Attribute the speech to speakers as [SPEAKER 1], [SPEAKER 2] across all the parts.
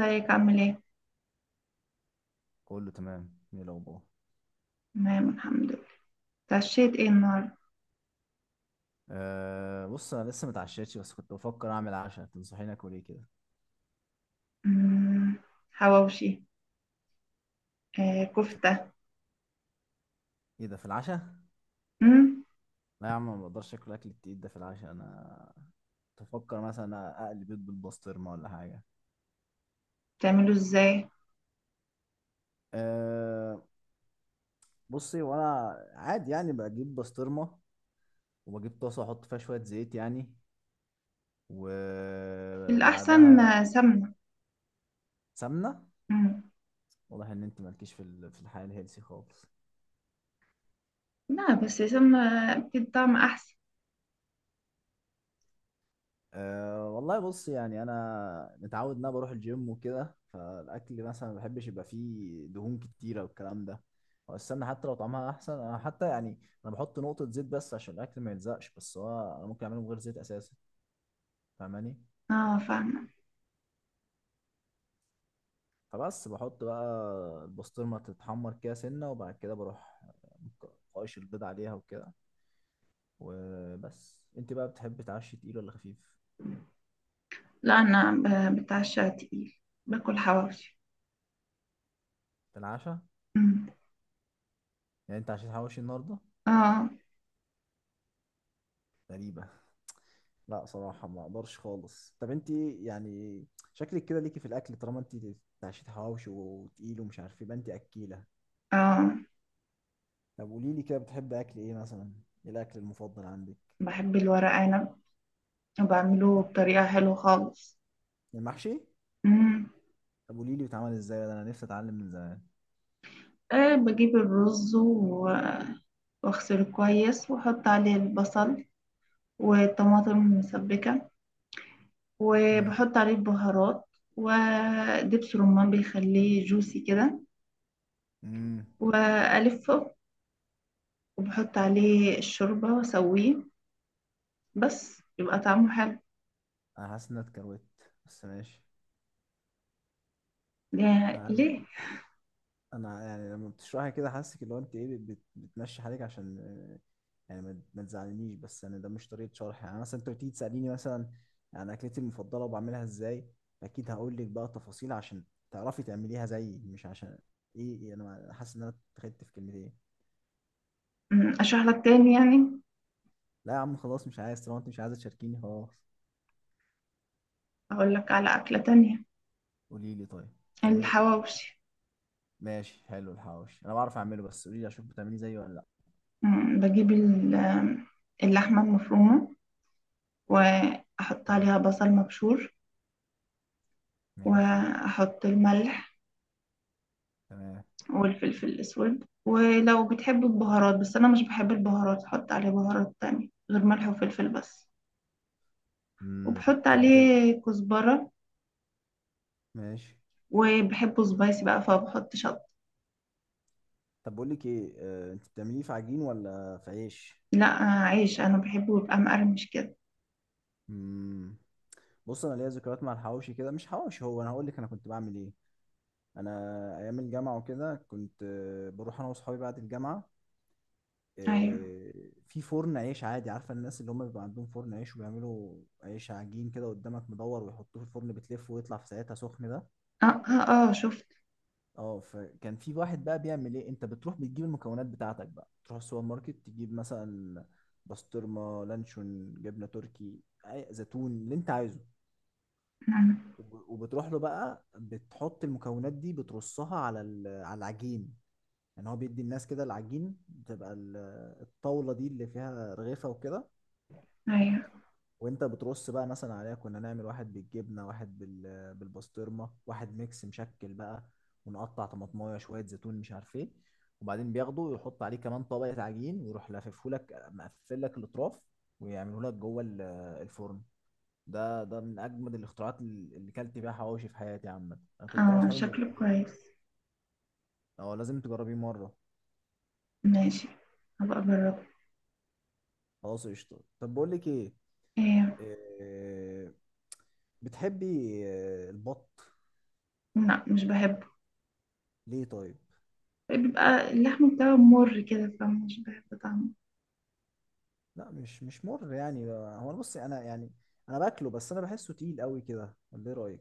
[SPEAKER 1] ازيك عامل ايه؟
[SPEAKER 2] كله تمام. ايه الاخبار؟
[SPEAKER 1] تمام، الحمد لله. اتعشيت ايه النهارده؟
[SPEAKER 2] أه بص، انا لسه متعشيتش بس كنت بفكر اعمل عشاء. تنصحيني اكل ايه كده؟
[SPEAKER 1] مم. حواوشي. كفتة.
[SPEAKER 2] ايه ده في العشاء؟
[SPEAKER 1] مم.
[SPEAKER 2] لا يا عم، ما بقدرش اكل اكل التقيل ده في العشاء انا. تفكر مثلا اقلي بيض بالبسطرمه ولا حاجه؟
[SPEAKER 1] بتعمله ازاي؟
[SPEAKER 2] أه. بصي، وانا عادي يعني بجيب بسطرمه، وبجيب طاسه احط فيها شويه زيت يعني،
[SPEAKER 1] الأحسن
[SPEAKER 2] وبعدها
[SPEAKER 1] سمنة.
[SPEAKER 2] سمنه.
[SPEAKER 1] مم.
[SPEAKER 2] واضح ان انت مالكيش في في الحياه الهيلسي خالص.
[SPEAKER 1] لا، بس سمنة بتدي طعم أحسن.
[SPEAKER 2] أه والله بص، يعني انا متعود ان انا بروح الجيم وكده، فالاكل مثلا ما بحبش يبقى فيه دهون كتيره والكلام ده. هو السمنه حتى لو طعمها احسن، انا حتى يعني انا بحط نقطه زيت بس عشان الاكل ما يلزقش، بس هو انا ممكن اعمله من غير زيت اساسا. فاهماني؟
[SPEAKER 1] اه، فاهمة.
[SPEAKER 2] فبس بحط بقى البسطرمه تتحمر كده سنه، وبعد كده بروح قايش البيض عليها وكده. وبس انت بقى بتحب تعشي تقيل ولا خفيف؟
[SPEAKER 1] لا أنا بتعشى تقيل. باكل حواوشي.
[SPEAKER 2] في العشاء؟
[SPEAKER 1] مم.
[SPEAKER 2] يعني انت عشان حواوشي النهارده.
[SPEAKER 1] اه،
[SPEAKER 2] غريبه. لا صراحة ما اقدرش خالص. طب انت يعني شكلك كده ليكي في الاكل، طالما انت بتعشي حواوشي وتقيل ومش عارف يبقى انت اكيلة.
[SPEAKER 1] اه،
[SPEAKER 2] طب قولي لي كده، بتحب اكل ايه مثلا؟ ايه الاكل المفضل عندك؟
[SPEAKER 1] بحب الورق عنب وبعمله بطريقة حلوة خالص.
[SPEAKER 2] المحشي.
[SPEAKER 1] مم.
[SPEAKER 2] طب قولي لي بيتعمل ازاي ده، انا نفسي اتعلم من زمان.
[SPEAKER 1] بجيب الرز واغسله كويس واحط عليه البصل والطماطم المسبكة
[SPEAKER 2] مم.
[SPEAKER 1] وبحط عليه البهارات ودبس رمان بيخليه جوسي كده
[SPEAKER 2] مم.
[SPEAKER 1] وألفه وبحط عليه الشوربة وأسويه، بس يبقى طعمه حلو.
[SPEAKER 2] انا حاسس ان انا اتكروت. بس ماشي. انا
[SPEAKER 1] ليه؟
[SPEAKER 2] انا يعني لما بتشرحي كده حاسك اللي هو انت ايه بتمشي حالك عشان يعني ما ما تزعلنيش. بس يعني ده مش طريقه شرح. يعني مثلا انت بتيجي تساليني مثلا عن اكلتي المفضله وبعملها ازاي، اكيد هقول لك بقى تفاصيل عشان تعرفي تعمليها زيي، مش عشان ايه. انا حاسس ان انا اتخدت في كلمتين.
[SPEAKER 1] أشرح لك تاني يعني.
[SPEAKER 2] لا يا عم خلاص مش عايز، طالما انت مش عايزه تشاركيني خلاص.
[SPEAKER 1] أقول لك على أكلة تانية.
[SPEAKER 2] قولي لي طيب. تعملي.
[SPEAKER 1] الحواوشي.
[SPEAKER 2] ماشي حلو، الحواوشي انا بعرف اعمله، بس قولي لي اشوف بتعمليه زيي ولا لا.
[SPEAKER 1] بجيب اللحمة المفرومة وأحط
[SPEAKER 2] حلو.
[SPEAKER 1] عليها بصل مبشور
[SPEAKER 2] ماشي.
[SPEAKER 1] وأحط الملح
[SPEAKER 2] تمام.
[SPEAKER 1] والفلفل الأسود، ولو بتحب البهارات، بس أنا مش بحب البهارات، أحط عليه بهارات تانية غير ملح وفلفل بس.
[SPEAKER 2] امم.
[SPEAKER 1] وبحط
[SPEAKER 2] طب بتعمل.
[SPEAKER 1] عليه كزبرة،
[SPEAKER 2] ماشي.
[SPEAKER 1] وبحبه سبايسي بقى فبحط شطة.
[SPEAKER 2] طب بقول لك ايه، انت بتعمليه في عجين ولا في عيش؟
[SPEAKER 1] لا. عيش أنا بحبه يبقى مقرمش كده.
[SPEAKER 2] مم. بص، انا ليا ذكريات مع الحواوشي كده. مش حواوشي، هو انا هقول لك انا كنت بعمل ايه. انا ايام الجامعه وكده كنت بروح انا واصحابي بعد الجامعه،
[SPEAKER 1] أيوة.
[SPEAKER 2] آه، في فرن عيش عادي. عارفه الناس اللي هم بيبقى عندهم فرن عيش وبيعملوا عيش عجين كده قدامك مدور ويحطوه في الفرن بتلفه ويطلع في ساعتها سخن ده.
[SPEAKER 1] آه، آه، آه، شفت.
[SPEAKER 2] اه، فكان في واحد بقى بيعمل ايه، انت بتروح بتجيب المكونات بتاعتك بقى، تروح السوبر ماركت تجيب مثلا بسطرمة لانشون جبنة تركي زيتون اللي انت عايزه.
[SPEAKER 1] نعم.
[SPEAKER 2] وبتروح له بقى بتحط المكونات دي بترصها على على العجين. يعني هو بيدي الناس كده العجين، بتبقى الطاولة دي اللي فيها رغيفة وكده.
[SPEAKER 1] أيوة.
[SPEAKER 2] وانت بترص بقى مثلا عليها، كنا نعمل واحد بالجبنه، واحد بالبسطرمه، واحد ميكس مشكل بقى، ونقطع طماطمايه شويه زيتون مش عارف ايه. وبعدين بياخده ويحط عليه كمان طبقه عجين ويروح لاففه لك، مقفل لك الاطراف، ويعمله لك جوه الفرن. ده من اجمد الاختراعات اللي كلت بيها حواوشي في حياتي. عامه انا كنت انا
[SPEAKER 1] آه،
[SPEAKER 2] واصحابي
[SPEAKER 1] شكله
[SPEAKER 2] مدمنين.
[SPEAKER 1] كويس.
[SPEAKER 2] اه لازم تجربيه مره.
[SPEAKER 1] ماشي، هبقى أجربه.
[SPEAKER 2] خلاص قشطه، طب بقول لك ايه.
[SPEAKER 1] إيه.
[SPEAKER 2] إيه، بتحبي البط؟
[SPEAKER 1] لا، مش بحبه.
[SPEAKER 2] ليه طيب؟
[SPEAKER 1] بيبقى اللحم بتاعه مر كده فمش بحب طعمه.
[SPEAKER 2] لا مش مر يعني. هو انا بصي انا يعني انا باكله، بس انا بحسه تقيل قوي كده، ولا ايه رايك؟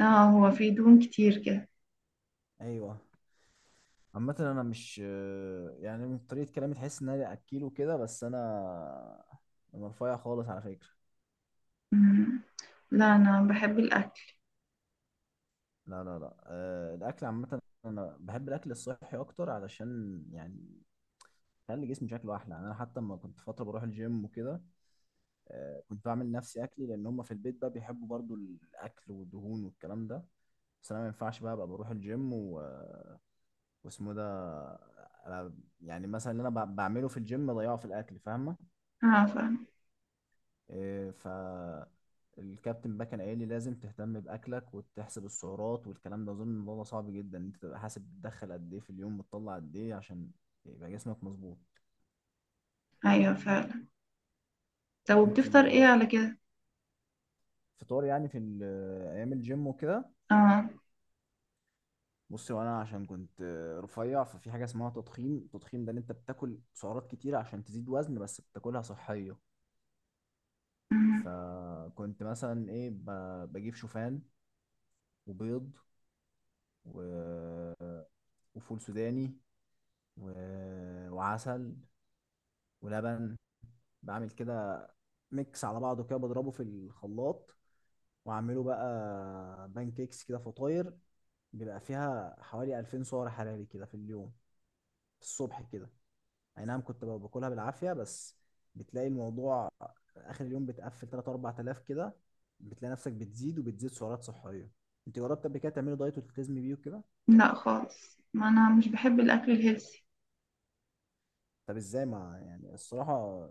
[SPEAKER 1] اه. هو فيه دهون كتير كده.
[SPEAKER 2] ايوه. عامة انا مش يعني من طريقة كلامي تحس ان انا اكله كده، بس انا رفيع خالص على فكرة.
[SPEAKER 1] مم. لا، انا بحب الاكل.
[SPEAKER 2] لا لا لا، أه الاكل عامة انا بحب الاكل الصحي اكتر علشان يعني خلي جسمي شكله احلى. يعني انا حتى لما كنت فترة بروح الجيم وكده أه كنت بعمل نفسي اكلي، لان هم في البيت بقى بيحبوا برضو الاكل والدهون والكلام ده. بس انا ما ينفعش بقى ابقى بروح الجيم واسمه ده. أنا يعني مثلا اللي انا بعمله في الجيم بضيعه في الاكل، فاهمه؟
[SPEAKER 1] اه، فعلا.
[SPEAKER 2] إيه ف الكابتن بقى كان قايل لي لازم تهتم باكلك وتحسب السعرات والكلام ده. اظن الموضوع ده صعب جدا، انت تبقى حاسب بتدخل قد ايه في اليوم بتطلع قد ايه عشان يبقى جسمك مظبوط.
[SPEAKER 1] ايوه، فعلا. طب
[SPEAKER 2] انت
[SPEAKER 1] وبتفطر ايه
[SPEAKER 2] جربت
[SPEAKER 1] على كده؟
[SPEAKER 2] فطار يعني في ايام الجيم وكده؟
[SPEAKER 1] اه.
[SPEAKER 2] بصي، وانا عشان كنت رفيع ففي حاجه اسمها تضخيم، التضخيم ده ان انت بتاكل سعرات كتيره عشان تزيد وزن بس بتاكلها صحيه.
[SPEAKER 1] مم.
[SPEAKER 2] فكنت مثلا ايه بجيب شوفان، وبيض، و... وفول سوداني، و... وعسل، ولبن، بعمل كده ميكس على بعضه كده بضربه في الخلاط، واعمله بقى بانكيكس كده فطاير. بيبقى فيها حوالي 2000 سعر حراري كده في اليوم، في الصبح كده. اي نعم كنت بقى باكلها بالعافية، بس بتلاقي الموضوع اخر اليوم بتقفل 3 4000 كده. بتلاقي نفسك بتزيد، وبتزيد سعرات صحيه. انت جربت قبل كده تعملي دايت وتلتزمي بيه وكده؟
[SPEAKER 1] لا خالص، ما انا مش بحب الاكل الهيلثي.
[SPEAKER 2] طب ازاي؟ ما يعني الصراحه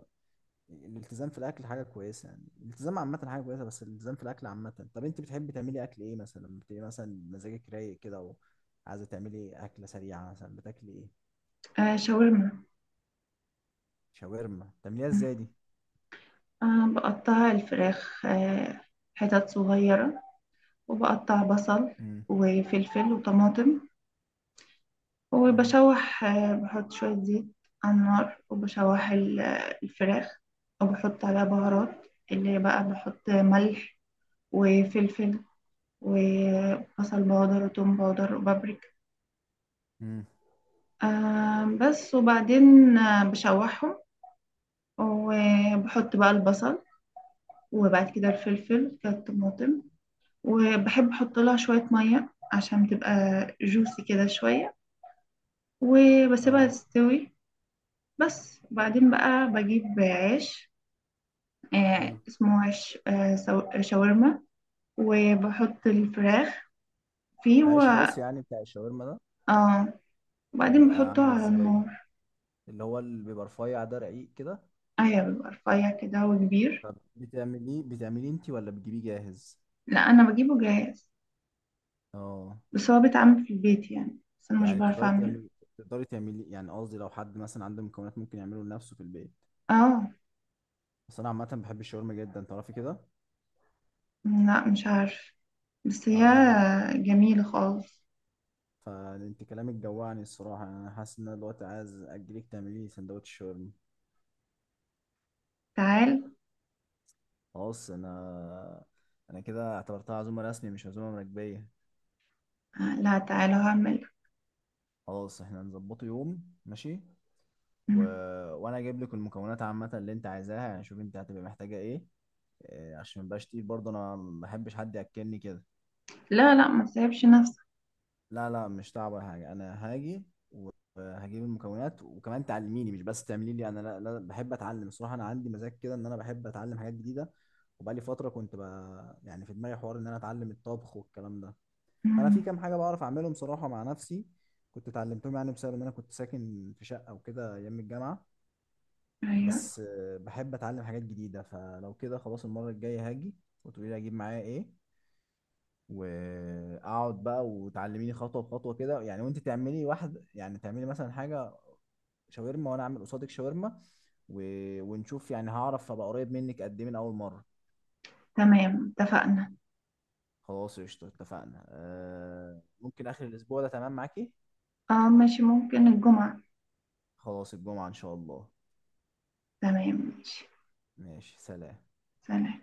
[SPEAKER 2] الالتزام في الاكل حاجه كويسه، يعني الالتزام عامه حاجه كويسه بس الالتزام في الاكل عامه. طب انت بتحبي تعملي اكل ايه مثلا لما بتبقي مثلا مزاجك رايق كده وعايزه تعملي اكله سريعه، مثلا بتاكلي ايه؟
[SPEAKER 1] آه، شاورما.
[SPEAKER 2] شاورما. بتعمليها
[SPEAKER 1] مم.
[SPEAKER 2] ازاي دي؟
[SPEAKER 1] بقطع الفراخ حتت صغيرة، وبقطع بصل
[SPEAKER 2] امم.
[SPEAKER 1] وفلفل وطماطم،
[SPEAKER 2] امم.
[SPEAKER 1] وبشوح، بحط شوية زيت على النار وبشوح الفراخ، وبحط عليها بهارات، اللي بقى بحط ملح وفلفل وبصل باودر وتوم باودر وبابريكا
[SPEAKER 2] امم.
[SPEAKER 1] بس. وبعدين بشوحهم وبحط بقى البصل وبعد كده الفلفل كده الطماطم، وبحب احط لها شوية مية عشان تبقى جوسي كده شوية وبسيبها
[SPEAKER 2] اه.
[SPEAKER 1] تستوي. بس وبعدين بقى بجيب عيش،
[SPEAKER 2] حلو.
[SPEAKER 1] اسمه عيش شاورما، وبحط الفراخ فيه
[SPEAKER 2] العيش خاص يعني بتاع الشاورما ده؟
[SPEAKER 1] آه وبعدين
[SPEAKER 2] بيبقى
[SPEAKER 1] بحطه
[SPEAKER 2] عامل
[SPEAKER 1] على
[SPEAKER 2] ازاي؟
[SPEAKER 1] النار.
[SPEAKER 2] اللي هو اللي بيبقى رفيع ده، رقيق كده؟
[SPEAKER 1] ايوه، بيبقى رفيع كده وكبير.
[SPEAKER 2] طب بتعمليه انت ولا بتجيبيه جاهز؟
[SPEAKER 1] لا، انا بجيبه جاهز،
[SPEAKER 2] اه.
[SPEAKER 1] بس هو بيتعمل في البيت يعني، بس انا مش
[SPEAKER 2] يعني
[SPEAKER 1] بعرف اعمله.
[SPEAKER 2] تقدري تعملي يعني قصدي لو حد مثلا عنده مكونات ممكن يعمله لنفسه في البيت.
[SPEAKER 1] اه.
[SPEAKER 2] بس انا عامه بحب الشاورما جدا، تعرفي كده.
[SPEAKER 1] لا، مش عارف، بس هي
[SPEAKER 2] اه بحب.
[SPEAKER 1] جميلة خالص.
[SPEAKER 2] فانت كلامك جوعني الصراحه. يعني انا حاسس ان انا دلوقتي عايز اجيلك تعملي لي سندوتش شاورما.
[SPEAKER 1] تعال.
[SPEAKER 2] خلاص، انا كده اعتبرتها عزومه رسمي مش عزومه مراكبيه.
[SPEAKER 1] لا، تعال هعمل.
[SPEAKER 2] خلاص احنا هنظبطه يوم. ماشي. و...
[SPEAKER 1] مم.
[SPEAKER 2] وانا اجيب لك المكونات عامه اللي انت عايزاها، يعني شوف انت هتبقى محتاجه ايه، عشان مبقاش تقيل برضه، انا ما بحبش حد ياكلني كده.
[SPEAKER 1] لا، لا، ما تسيبش نفسك.
[SPEAKER 2] لا لا، مش تعب ولا حاجه. انا هاجي، هجيب المكونات وكمان تعلميني، مش بس تعملي لي انا. لا, لا بحب اتعلم الصراحه، انا عندي مزاج كده ان انا بحب اتعلم حاجات جديده. وبقالي فتره كنت بقى يعني في دماغي حوار ان انا اتعلم الطبخ والكلام ده. فانا في
[SPEAKER 1] مم.
[SPEAKER 2] كام حاجه بعرف اعملهم صراحه مع نفسي، كنت اتعلمتهم يعني بسبب ان انا كنت ساكن في شقه وكده ايام الجامعه.
[SPEAKER 1] ايوه.
[SPEAKER 2] بس بحب اتعلم حاجات جديده. فلو كده خلاص المره الجايه هاجي وتقولي لي اجيب معايا ايه، واقعد بقى وتعلميني خطوه بخطوه كده. يعني وانت تعملي واحد، يعني تعملي مثلا حاجه شاورما وانا اعمل قصادك شاورما، و... ونشوف يعني هعرف ابقى قريب منك قد ايه من اول مره.
[SPEAKER 1] تمام، اتفقنا.
[SPEAKER 2] خلاص قشطه اتفقنا. آه ممكن اخر الاسبوع ده تمام معاكي؟
[SPEAKER 1] اه، ماشي، ممكن الجمعة.
[SPEAKER 2] خلاص الجمعه ان شاء الله.
[SPEAKER 1] تمام، ماشي.
[SPEAKER 2] ماشي سلام.
[SPEAKER 1] سلام.